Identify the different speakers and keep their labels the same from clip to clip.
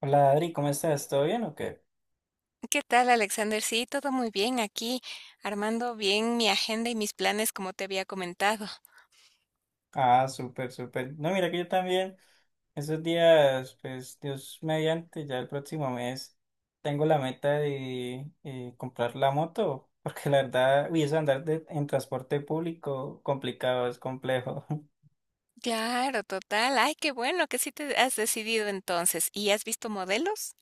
Speaker 1: Hola Adri, ¿cómo estás? ¿Todo bien o qué?
Speaker 2: ¿Qué tal, Alexander? Sí, todo muy bien aquí, armando bien mi agenda y mis planes como te había comentado.
Speaker 1: Ah, súper, súper. No, mira que yo también, esos días, pues Dios mediante, ya el próximo mes tengo la meta de comprar la moto, porque la verdad, uy, eso de andar en transporte público complicado, es complejo.
Speaker 2: Claro, total. Ay, qué bueno que sí te has decidido entonces. ¿Y has visto modelos?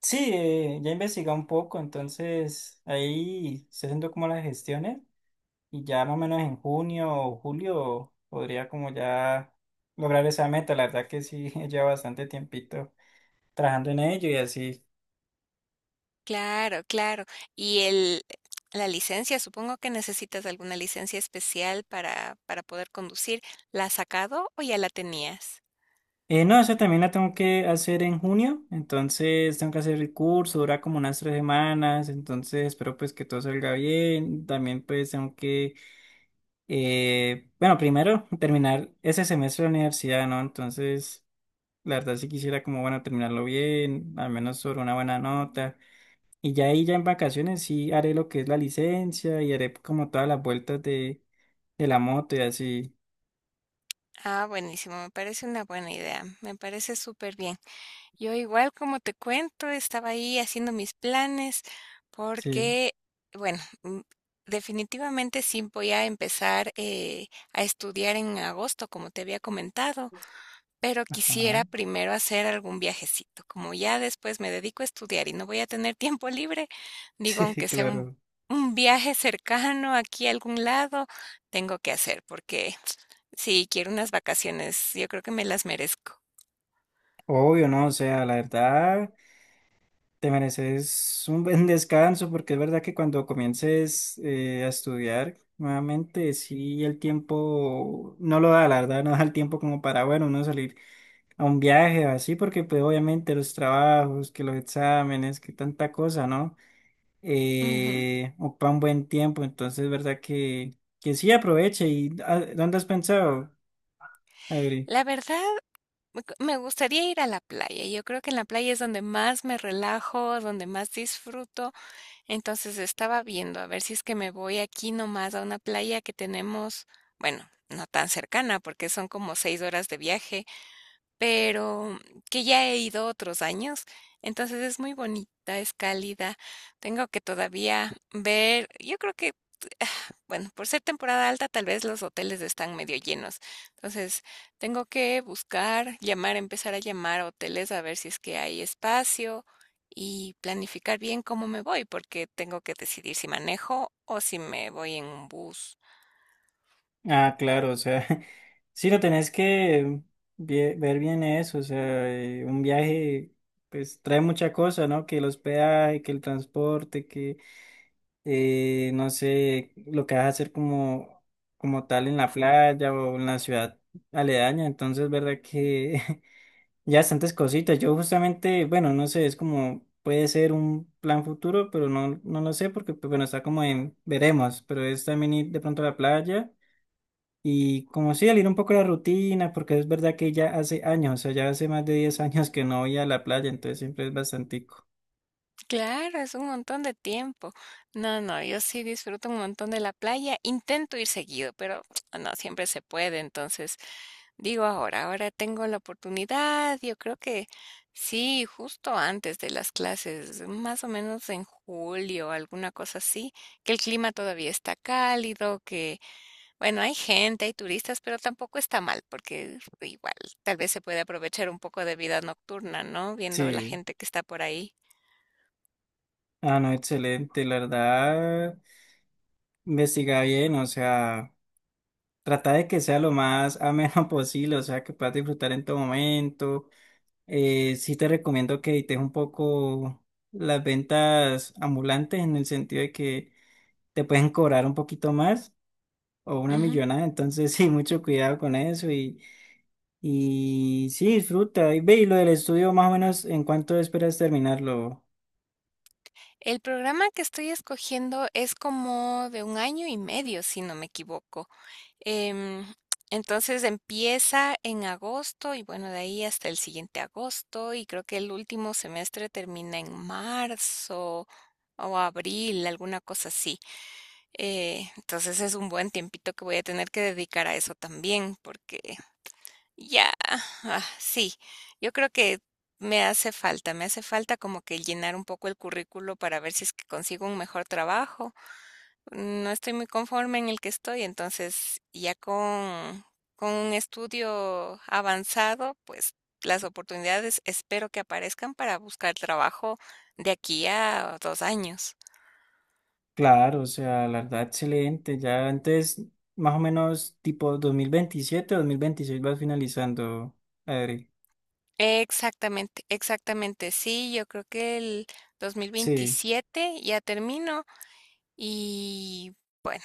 Speaker 1: Sí, ya investigué un poco, entonces ahí estoy haciendo como las gestiones y ya más o menos en junio o julio podría como ya lograr esa meta, la verdad que sí, lleva bastante tiempito, trabajando en ello y así.
Speaker 2: Claro, claro. ¿Y el la licencia? Supongo que necesitas alguna licencia especial para poder conducir. ¿La has sacado o ya la tenías?
Speaker 1: No, eso también la tengo que hacer en junio, entonces tengo que hacer el curso, dura como unas 3 semanas, entonces espero pues que todo salga bien. También pues tengo que, bueno, primero terminar ese semestre de la universidad, ¿no? Entonces, la verdad sí quisiera como, bueno, terminarlo bien, al menos sobre una buena nota. Y ya ahí, ya en vacaciones sí haré lo que es la licencia y haré como todas las vueltas de la moto y así.
Speaker 2: Ah, buenísimo, me parece una buena idea. Me parece súper bien. Yo igual, como te cuento, estaba ahí haciendo mis planes
Speaker 1: Sí,
Speaker 2: porque, bueno, mm, definitivamente sí voy a empezar a estudiar en agosto, como te había comentado, pero
Speaker 1: ajá.
Speaker 2: quisiera primero hacer algún viajecito. Como ya después me dedico a estudiar y no voy a tener tiempo libre, digo,
Speaker 1: Sí,
Speaker 2: aunque sea un,
Speaker 1: claro.
Speaker 2: un viaje cercano aquí a algún lado, tengo que hacer porque sí, quiero unas vacaciones, yo creo que me las merezco.
Speaker 1: Obvio, ¿no? O sea, la verdad, te mereces un buen descanso porque es verdad que cuando comiences a estudiar nuevamente, sí, el tiempo no lo da, la verdad, no da el tiempo como para, bueno, uno salir a un viaje o así, porque pues obviamente los trabajos, que los exámenes, que tanta cosa, ¿no?
Speaker 2: Ujú.
Speaker 1: Ocupa un buen tiempo, entonces es verdad que sí aproveche. ¿Y dónde has pensado, Adri?
Speaker 2: La verdad, me gustaría ir a la playa. Yo creo que en la playa es donde más me relajo, donde más disfruto. Entonces, estaba viendo a ver si es que me voy aquí nomás a una playa que tenemos, bueno, no tan cercana, porque son como 6 horas de viaje, pero que ya he ido otros años. Entonces es muy bonita, es cálida. Tengo que todavía ver, yo creo que, bueno, por ser temporada alta, tal vez los hoteles están medio llenos. Entonces tengo que buscar, llamar, empezar a llamar a hoteles a ver si es que hay espacio y planificar bien cómo me voy, porque tengo que decidir si manejo o si me voy en un bus.
Speaker 1: Ah, claro, o sea, sí lo tenés que ver bien eso, o sea, un viaje pues trae mucha cosa, ¿no? Que el hospedaje, que el transporte, que no sé, lo que vas a hacer como tal en la playa o en la ciudad aledaña, entonces, verdad que ya bastantes cositas. Yo justamente, bueno, no sé, es como puede ser un plan futuro, pero no, no lo sé porque, pues, bueno, está como en veremos, pero es también ir de pronto a la playa y como sí, salir un poco de la rutina, porque es verdad que ya hace años, o sea, ya hace más de 10 años que no voy a la playa, entonces siempre es bastantico.
Speaker 2: Claro, es un montón de tiempo. No, no, yo sí disfruto un montón de la playa. Intento ir seguido, pero no siempre se puede. Entonces, digo ahora, ahora tengo la oportunidad. Yo creo que sí, justo antes de las clases, más o menos en julio, alguna cosa así, que el clima todavía está cálido, que bueno, hay gente, hay turistas, pero tampoco está mal, porque igual tal vez se puede aprovechar un poco de vida nocturna, ¿no? Viendo la
Speaker 1: Sí,
Speaker 2: gente que está por ahí.
Speaker 1: no, excelente, la verdad, investiga bien, o sea, trata de que sea lo más ameno posible, o sea, que puedas disfrutar en todo momento. Sí te recomiendo que evites un poco las ventas ambulantes en el sentido de que te pueden cobrar un poquito más o una
Speaker 2: Ujú.
Speaker 1: millonada, entonces sí, mucho cuidado con eso y... Y sí, disfruta. Y ve, y lo del estudio, más o menos, ¿en cuánto esperas terminarlo?
Speaker 2: El programa que estoy escogiendo es como de 1 año y medio, si no me equivoco. Em, entonces empieza en agosto y bueno, de ahí hasta el siguiente agosto y creo que el último semestre termina en marzo o abril, alguna cosa así. Entonces es un buen tiempito que voy a tener que dedicar a eso también porque ya, ah, sí, yo creo que me hace falta como que llenar un poco el currículo para ver si es que consigo un mejor trabajo, no estoy muy conforme en el que estoy, entonces ya con un estudio avanzado, pues las oportunidades espero que aparezcan para buscar trabajo de aquí a 2 años.
Speaker 1: Claro, o sea, la verdad, excelente. Ya antes, más o menos, tipo 2027 2026 vas finalizando, Adri.
Speaker 2: Exactamente, exactamente, sí, yo creo que el
Speaker 1: Sí,
Speaker 2: 2027 ya termino y bueno,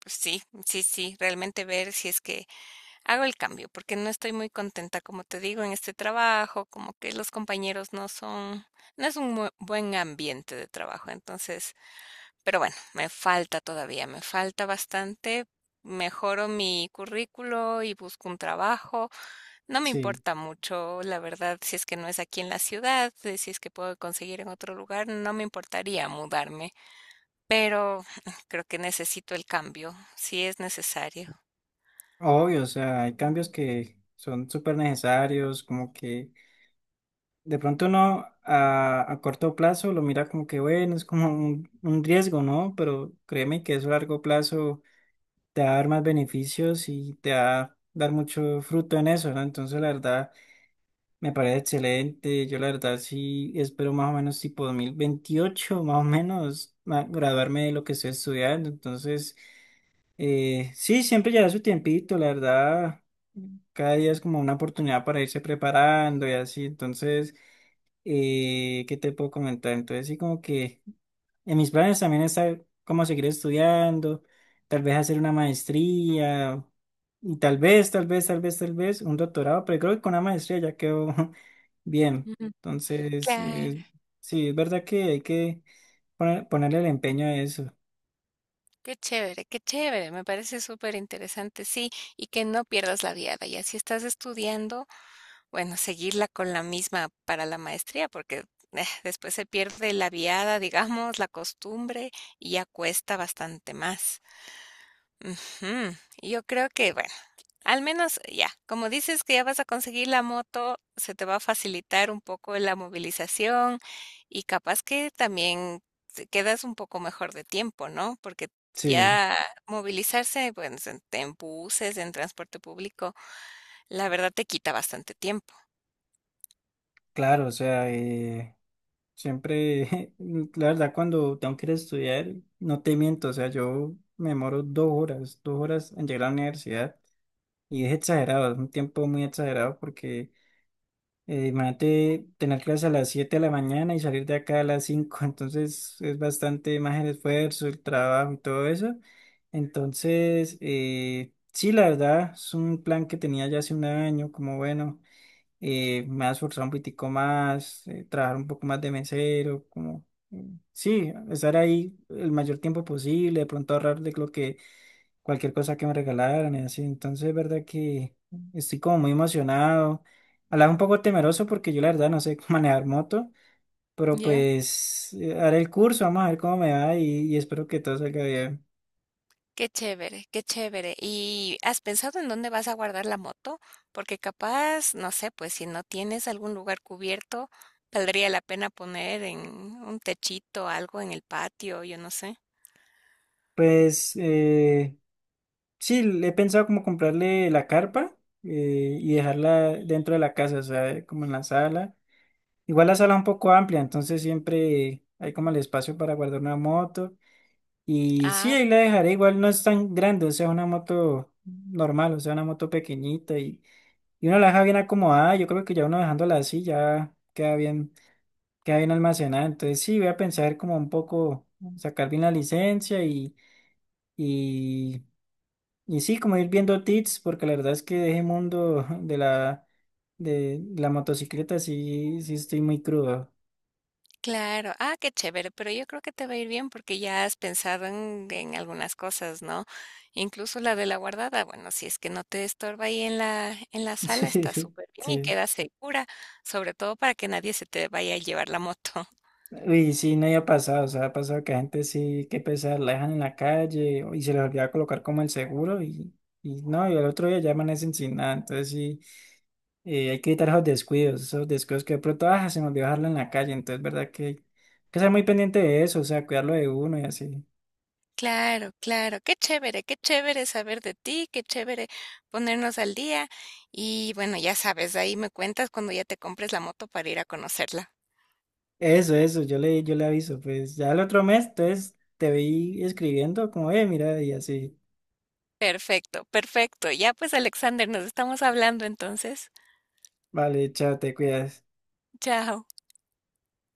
Speaker 2: pues sí, sí, sí, realmente ver si es que hago el cambio porque no estoy muy contenta, como te digo, en este trabajo, como que los compañeros no son, no es un buen ambiente de trabajo, entonces, pero bueno, me falta todavía, me falta bastante. Mejoro mi currículo y busco un trabajo. No me
Speaker 1: sí.
Speaker 2: importa mucho, la verdad, si es que no es aquí en la ciudad, si es que puedo conseguir en otro lugar, no me importaría mudarme, pero creo que necesito el cambio, si es necesario.
Speaker 1: Obvio, o sea, hay cambios que son súper necesarios, como que de pronto uno a corto plazo lo mira como que, bueno, es como un riesgo, ¿no? Pero créeme que eso a largo plazo te va a dar más beneficios y te va a dar mucho fruto en eso, ¿no? Entonces, la verdad, me parece excelente. Yo, la verdad, sí espero más o menos tipo 2028, más o menos, graduarme de lo que estoy estudiando. Entonces, sí, siempre lleva su tiempito, la verdad. Cada día es como una oportunidad para irse preparando y así. Entonces, ¿qué te puedo comentar? Entonces, sí, como que... En mis planes también está cómo seguir estudiando, tal vez hacer una maestría, y tal vez, tal vez, tal vez, tal vez un doctorado, pero creo que con una maestría ya quedó bien.
Speaker 2: Ujú.
Speaker 1: Entonces,
Speaker 2: Claro,
Speaker 1: sí, es verdad que hay que ponerle el empeño a eso.
Speaker 2: qué chévere, me parece súper interesante, sí, y que no pierdas la viada. Y así estás estudiando, bueno, seguirla con la misma para la maestría, porque después se pierde la viada, digamos, la costumbre, y ya cuesta bastante más. Ujú, y yo creo que, bueno, al menos ya, como dices que ya vas a conseguir la moto, se te va a facilitar un poco la movilización y capaz que también te quedas un poco mejor de tiempo, ¿no? Porque
Speaker 1: Sí,
Speaker 2: ya movilizarse, pues, en buses, en transporte público, la verdad te quita bastante tiempo.
Speaker 1: claro, o sea, siempre, la verdad, cuando tengo que ir a estudiar, no te miento, o sea, yo me demoro 2 horas, 2 horas en llegar a la universidad. Y es exagerado, es un tiempo muy exagerado porque imagínate tener clase a las 7 de la mañana y salir de acá a las 5. Entonces es bastante más el esfuerzo, el trabajo y todo eso. Entonces, sí, la verdad, es un plan que tenía ya hace un año, como bueno, me ha esforzado un poquitico más, trabajar un poco más de mesero, como, sí, estar ahí el mayor tiempo posible, de pronto ahorrar de lo que cualquier cosa que me regalaran y así. Entonces, es verdad que estoy como muy emocionado. A la vez un poco temeroso porque yo la verdad no sé manejar moto, pero
Speaker 2: Ya.
Speaker 1: pues haré el curso, vamos a ver cómo me va y espero que todo salga bien.
Speaker 2: Qué chévere, qué chévere. ¿Y has pensado en dónde vas a guardar la moto? Porque capaz, no sé, pues si no tienes algún lugar cubierto, valdría la pena poner en un techito, algo en el patio, yo no sé.
Speaker 1: Pues sí, le he pensado como comprarle la carpa y dejarla dentro de la casa, o sea, como en la sala. Igual la sala es un poco amplia, entonces siempre hay como el espacio para guardar una moto. Y sí,
Speaker 2: Ah,
Speaker 1: ahí la dejaré, igual no es tan grande, o sea, una moto normal, o sea, una moto pequeñita y uno la deja bien acomodada, yo creo que ya uno dejándola así ya queda bien almacenada, entonces sí, voy a pensar como un poco, sacar bien la licencia y, y sí, como ir viendo tips, porque la verdad es que de ese mundo de la motocicleta sí, sí estoy muy crudo.
Speaker 2: claro. Ah, qué chévere, pero yo creo que te va a ir bien porque ya has pensado en algunas cosas, ¿no? Incluso la de la guardada, bueno, si es que no te estorba ahí en la sala, está súper bien y
Speaker 1: Sí.
Speaker 2: queda segura, sobre todo para que nadie se te vaya a llevar la moto.
Speaker 1: Y sí, no había pasado, o sea, ha pasado que la gente sí, qué pesar, la dejan en la calle y se les olvida colocar como el seguro y no, y al otro día ya amanecen sin nada, entonces sí, hay que evitar esos descuidos que de pronto, ah, se me olvidó dejarlo en la calle, entonces verdad que hay que ser muy pendiente de eso, o sea, cuidarlo de uno y así.
Speaker 2: Claro, claro, qué chévere saber de ti, qué chévere ponernos al día y bueno, ya sabes, ahí me cuentas cuando ya te compres la moto para ir a conocerla.
Speaker 1: Eso, yo le aviso, pues ya el otro mes, entonces te vi escribiendo como, mira, y así,
Speaker 2: Perfecto, perfecto. Ya pues, Alexander, nos estamos hablando entonces.
Speaker 1: vale, chao, te cuidas.
Speaker 2: Chao.